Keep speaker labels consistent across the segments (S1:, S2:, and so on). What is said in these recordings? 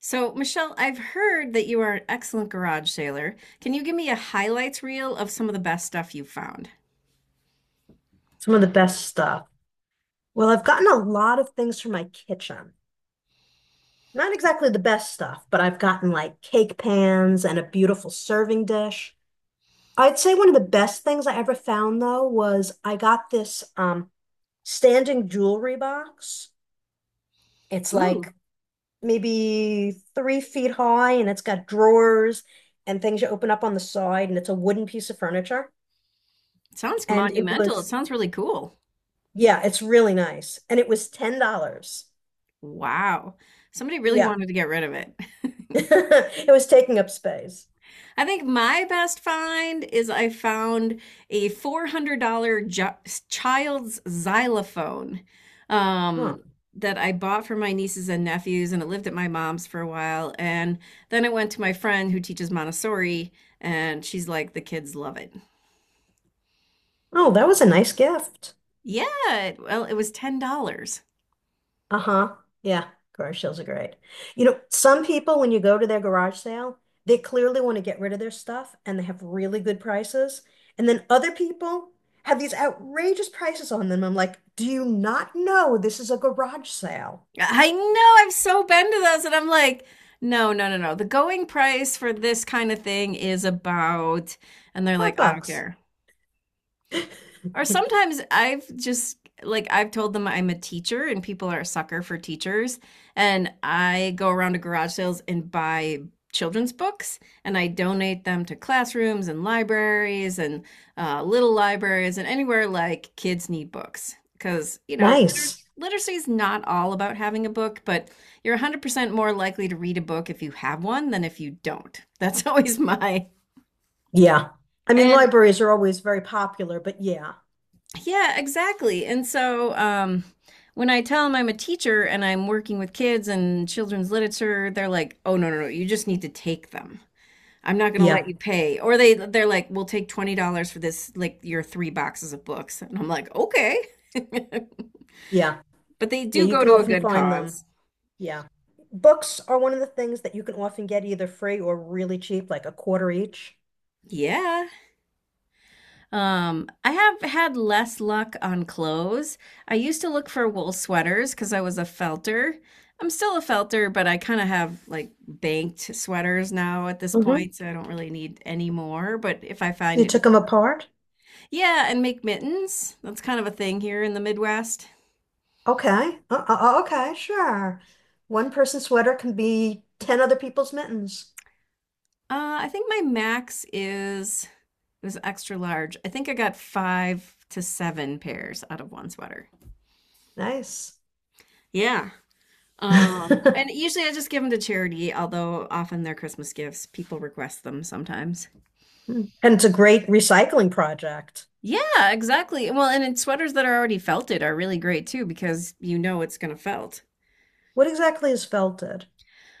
S1: So, Michelle, I've heard that you are an excellent garage sailor. Can you give me a highlights reel of some of the best stuff you've found?
S2: Some of the best stuff. Well, I've gotten a lot of things from my kitchen. Not exactly the best stuff, but I've gotten like cake pans and a beautiful serving dish. I'd say one of the best things I ever found though was I got this standing jewelry box. It's
S1: Ooh.
S2: like maybe 3 feet high and it's got drawers and things you open up on the side and it's a wooden piece of furniture.
S1: Sounds
S2: And it
S1: monumental. It
S2: was,
S1: sounds really cool.
S2: yeah, it's really nice. And it was $10.
S1: Wow. Somebody really
S2: Yeah.
S1: wanted to get rid of it.
S2: It was taking up space.
S1: I think my best find is I found a $400 child's xylophone
S2: Huh.
S1: um, that I bought for my nieces and nephews, and it lived at my mom's for a while. And then it went to my friend who teaches Montessori, and she's like, the kids love it.
S2: Oh, that was a nice gift.
S1: Yeah, well, it was $10.
S2: Uh-huh. Yeah, garage sales are great. You know, some people, when you go to their garage sale, they clearly want to get rid of their stuff and they have really good prices. And then other people have these outrageous prices on them. I'm like, do you not know this is a garage sale?
S1: I know, I've so been to those, and I'm like, no, no, no, no. The going price for this kind of thing is about, and they're
S2: Five
S1: like, I don't
S2: bucks.
S1: care. Or sometimes I've just like I've told them I'm a teacher and people are a sucker for teachers and I go around to garage sales and buy children's books and I donate them to classrooms and libraries and little libraries and anywhere like kids need books because
S2: Nice.
S1: literacy is not all about having a book but you're 100% more likely to read a book if you have one than if you don't. That's always my
S2: Yeah. I mean,
S1: and
S2: libraries are always very popular, but yeah,
S1: Yeah, exactly. And so When I tell them I'm a teacher and I'm working with kids and children's literature, they're like, "Oh no, no, no! You just need to take them. I'm not going to
S2: yeah,
S1: let you pay." Or they're like, "We'll take $20 for this, like your three boxes of books." And I'm like, "Okay,"
S2: yeah,
S1: but they
S2: yeah,
S1: do
S2: you
S1: go
S2: can
S1: to a
S2: often
S1: good
S2: find them.
S1: cause.
S2: Yeah. Books are one of the things that you can often get either free or really cheap, like a quarter each.
S1: Yeah. I have had less luck on clothes. I used to look for wool sweaters because I was a felter. I'm still a felter, but I kind of have like banked sweaters now at this
S2: Mm-hmm.
S1: point, so I don't really need any more. But if I find
S2: You
S1: it,
S2: took them apart?
S1: yeah, and make mittens. That's kind of a thing here in the Midwest.
S2: Okay. Okay, sure. One person's sweater can be 10 other people's mittens.
S1: I think my max is it was extra large. I think I got five to seven pairs out of one sweater.
S2: Nice.
S1: Yeah. And usually I just give them to charity, although often they're Christmas gifts. People request them sometimes.
S2: And it's a great recycling project.
S1: Yeah, exactly. Well, and it's sweaters that are already felted are really great too because you know it's gonna felt.
S2: What exactly is felted?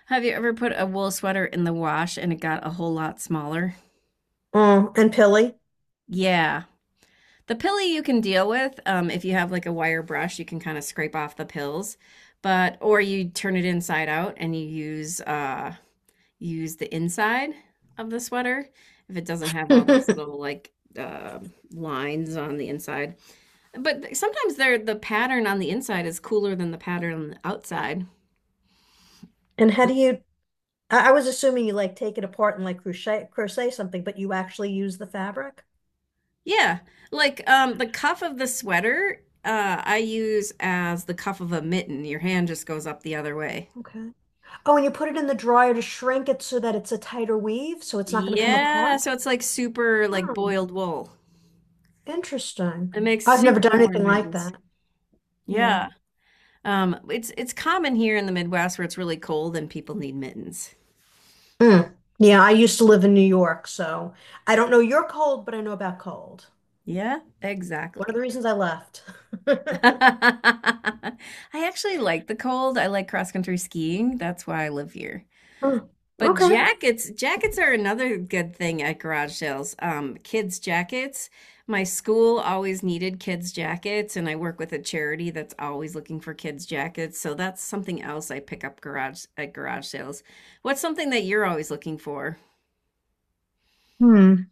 S1: Have you ever put a wool sweater in the wash and it got a whole lot smaller?
S2: Oh, and pilly.
S1: Yeah. The pilly you can deal with. If you have like a wire brush, you can kind of scrape off the pills, but or you turn it inside out and you use use the inside of the sweater if it doesn't have all those
S2: And
S1: little like uh, lines on the inside. But sometimes the pattern on the inside is cooler than the pattern on the outside.
S2: how do you, I was assuming you like take it apart and like crochet something, but you actually use the fabric?
S1: Yeah, like the cuff of the sweater I use as the cuff of a mitten. Your hand just goes up the other way.
S2: Okay. Oh, and you put it in the dryer to shrink it so that it's a tighter weave, so it's not going to come
S1: Yeah,
S2: apart?
S1: so it's like super like
S2: Oh,
S1: boiled wool.
S2: interesting.
S1: It makes
S2: I've never
S1: super
S2: done
S1: warm
S2: anything like
S1: mittens.
S2: that. Yeah.
S1: Yeah. It's common here in the Midwest where it's really cold and people need mittens.
S2: Mm. Yeah, I used to live in New York, so I don't know your cold, but I know about cold.
S1: Yeah,
S2: One of the
S1: exactly.
S2: reasons I left.
S1: I actually like the cold. I like cross-country skiing. That's why I live here.
S2: Mm.
S1: But
S2: Okay.
S1: jackets, jackets are another good thing at garage sales. Kids' jackets. My school always needed kids' jackets, and I work with a charity that's always looking for kids' jackets. So that's something else I pick up garage at garage sales. What's something that you're always looking for?
S2: Hmm.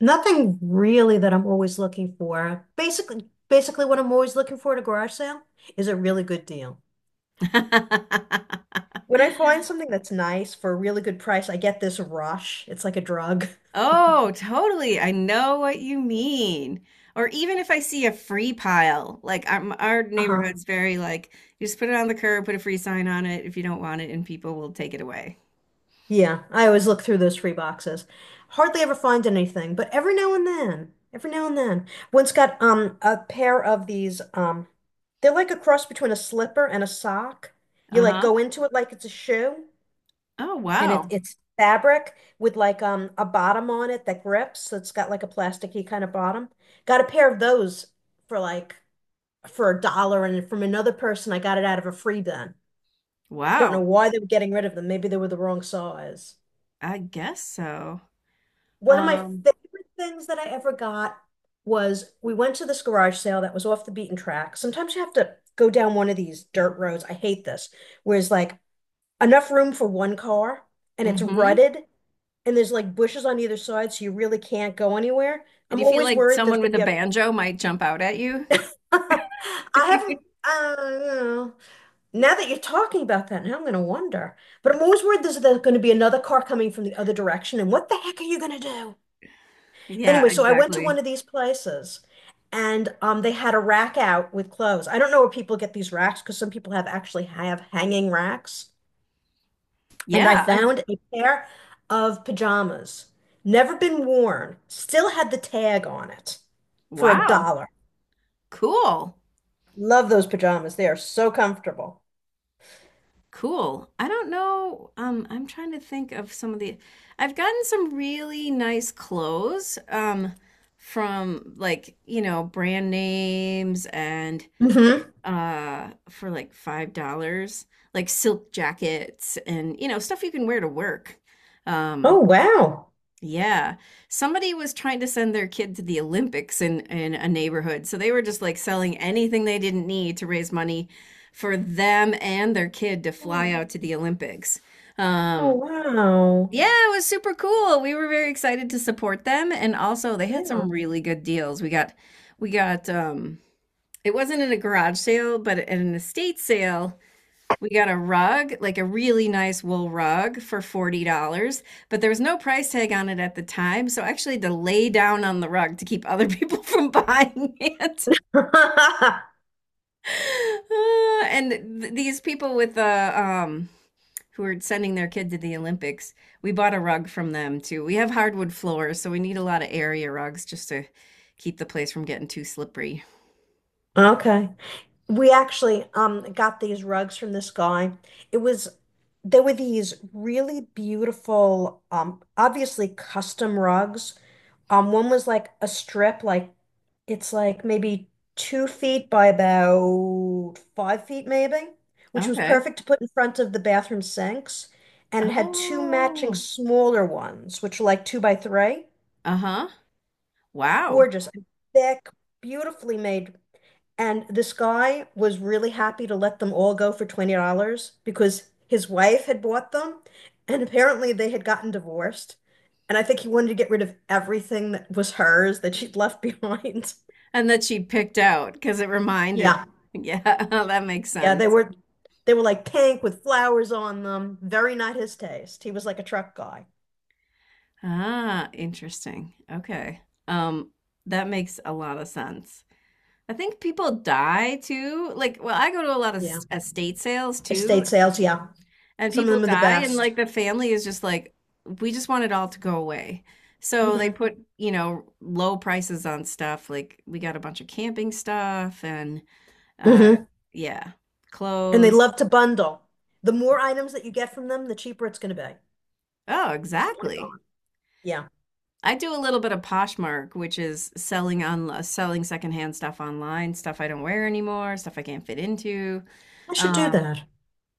S2: Nothing really that I'm always looking for. Basically what I'm always looking for at a garage sale is a really good deal. When I find something that's nice for a really good price, I get this rush. It's like a drug.
S1: Oh, totally. I know what you mean. Or even if I see a free pile, like our
S2: Uh-huh.
S1: neighborhood's very like, you just put it on the curb, put a free sign on it if you don't want it, and people will take it away.
S2: Yeah, I always look through those free boxes. Hardly ever find anything, but every now and then, every now and then, once got a pair of these they're like a cross between a slipper and a sock. You like
S1: Uh-huh.
S2: go into it like it's a shoe
S1: Oh,
S2: and it,
S1: wow.
S2: it's fabric with like a bottom on it that grips, so it's got like a plasticky kind of bottom. Got a pair of those for like for a dollar and from another person I got it out of a free bin. Don't know
S1: Wow.
S2: why they were getting rid of them. Maybe they were the wrong size.
S1: I guess so.
S2: One of my
S1: Um,
S2: favorite things that I ever got was we went to this garage sale that was off the beaten track. Sometimes you have to go down one of these dirt roads. I hate this, where it's like enough room for one car and it's
S1: mm-hmm.
S2: rutted and there's like bushes on either side, so you really can't go anywhere.
S1: Do
S2: I'm
S1: you feel
S2: always
S1: like
S2: worried there's
S1: someone
S2: going to
S1: with a
S2: be a.
S1: banjo might jump out at you?
S2: I haven't. Now that you're talking about that, now I'm going to wonder. But I'm always worried there's going to be another car coming from the other direction, and what the heck are you going to do?
S1: Yeah,
S2: Anyway, so I went to one
S1: exactly.
S2: of these places and they had a rack out with clothes. I don't know where people get these racks because some people have actually have hanging racks. And
S1: Yeah,
S2: I
S1: I,
S2: found a pair of pajamas, never been worn, still had the tag on it for a
S1: wow.
S2: dollar.
S1: Cool.
S2: Love those pajamas. They are so comfortable.
S1: Cool. I don't know. I'm trying to think of some of the. I've gotten some really nice clothes from like, you know, brand names and
S2: Hmm.
S1: for like $5, like silk jackets and, you know, stuff you can wear to work.
S2: Oh,
S1: Um.
S2: wow.
S1: Yeah. Somebody was trying to send their kid to the Olympics in a neighborhood. So they were just like selling anything they didn't need to raise money for them and their kid to
S2: Oh,
S1: fly out to the Olympics.
S2: oh,
S1: Um,
S2: wow.
S1: yeah, it was super cool. We were very excited to support them and also they had
S2: Yeah.
S1: some really good deals. We got it wasn't in a garage sale, but at an estate sale we got a rug, like a really nice wool rug for $40, but there was no price tag on it at the time. So I actually had to lay down on the rug to keep other people from buying it. And th These people with the who are sending their kid to the Olympics, we bought a rug from them too. We have hardwood floors, so we need a lot of area rugs just to keep the place from getting too slippery.
S2: Okay. We actually got these rugs from this guy. It was they were these really beautiful, obviously custom rugs. One was like a strip, like it's like maybe 2 feet by about 5 feet, maybe, which was
S1: Okay.
S2: perfect to put in front of the bathroom sinks. And it had two matching
S1: Oh.
S2: smaller ones, which were like two by three.
S1: Uh-huh. Wow.
S2: Gorgeous, and thick, beautifully made and this guy was really happy to let them all go for $20 because his wife had bought them. And apparently they had gotten divorced. And I think he wanted to get rid of everything that was hers that she'd left behind.
S1: And that she picked out because it reminded.
S2: Yeah.
S1: Yeah, that makes
S2: Yeah, they
S1: sense.
S2: were they were like pink with flowers on them. Very not his taste. He was like a truck guy.
S1: Ah, interesting. Okay. Um, that makes a lot of sense. I think people die too. Like, well, I go to a lot of
S2: Yeah.
S1: estate sales too,
S2: Estate sales, yeah.
S1: and
S2: Some of
S1: people
S2: them are the
S1: die, and
S2: best.
S1: like the family is just like, we just want it all to go away. So they
S2: Hmm.
S1: put, you know, low prices on stuff. Like, we got a bunch of camping stuff and, uh,
S2: Hmm.
S1: yeah,
S2: And they
S1: clothes.
S2: love to bundle. The more items that you get from them, the cheaper it's going to be
S1: Oh,
S2: because they want it
S1: exactly.
S2: gone. Yeah.
S1: I do a little bit of Poshmark, which is selling on selling secondhand stuff online, stuff I don't wear anymore, stuff I can't fit into.
S2: I should do
S1: Um,
S2: that.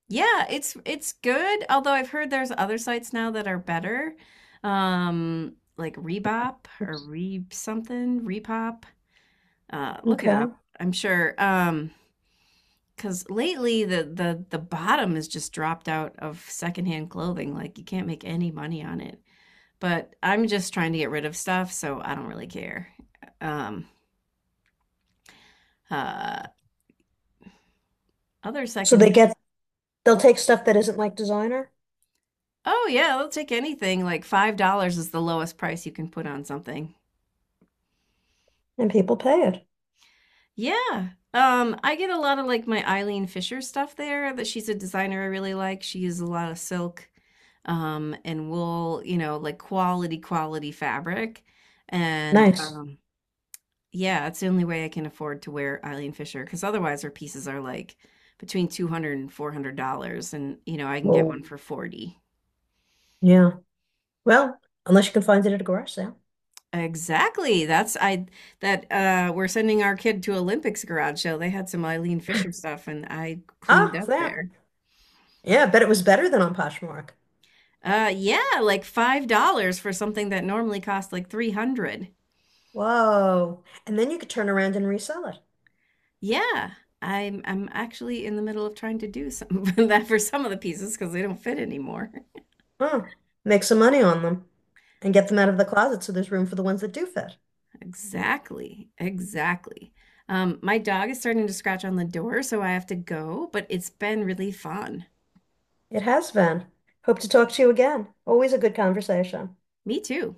S1: yeah, it's good. Although I've heard there's other sites now that are better, like Rebop or
S2: Oops.
S1: Re something, Repop. Look it
S2: Okay.
S1: up. I'm sure. Because lately the bottom has just dropped out of secondhand clothing. Like you can't make any money on it but I'm just trying to get rid of stuff, so I don't really care. Um, uh, other
S2: So
S1: secondhand.
S2: they'll
S1: Oh,
S2: take stuff that isn't like designer
S1: oh, yeah, they'll take anything. Like $5 is the lowest price you can put on something.
S2: and people pay it.
S1: Yeah. I get a lot of like my Eileen Fisher stuff there that she's a designer I really like. She uses a lot of silk, and wool, you know, like quality, quality fabric. And
S2: Nice.
S1: Yeah, it's the only way I can afford to wear Eileen Fisher because otherwise her pieces are like between 200 and 400 dollars and you know I can get
S2: Whoa.
S1: one for 40.
S2: Yeah. Well, unless you can find it at a garage sale.
S1: Exactly. That's I that We're sending our kid to Olympics garage sale. They had some Eileen Fisher stuff and I cleaned
S2: Ah,
S1: up
S2: there.
S1: there.
S2: Yeah, I bet it was better than on Poshmark.
S1: Yeah, like $5 for something that normally costs like 300.
S2: Whoa. And then you could turn around and resell it.
S1: Yeah. I'm actually in the middle of trying to do some of that for some of the pieces because they don't fit anymore.
S2: Huh. Make some money on them and get them out of the closet so there's room for the ones that do fit.
S1: Exactly. Exactly. My dog is starting to scratch on the door, so I have to go, but it's been really fun.
S2: It has been. Hope to talk to you again. Always a good conversation.
S1: Me too.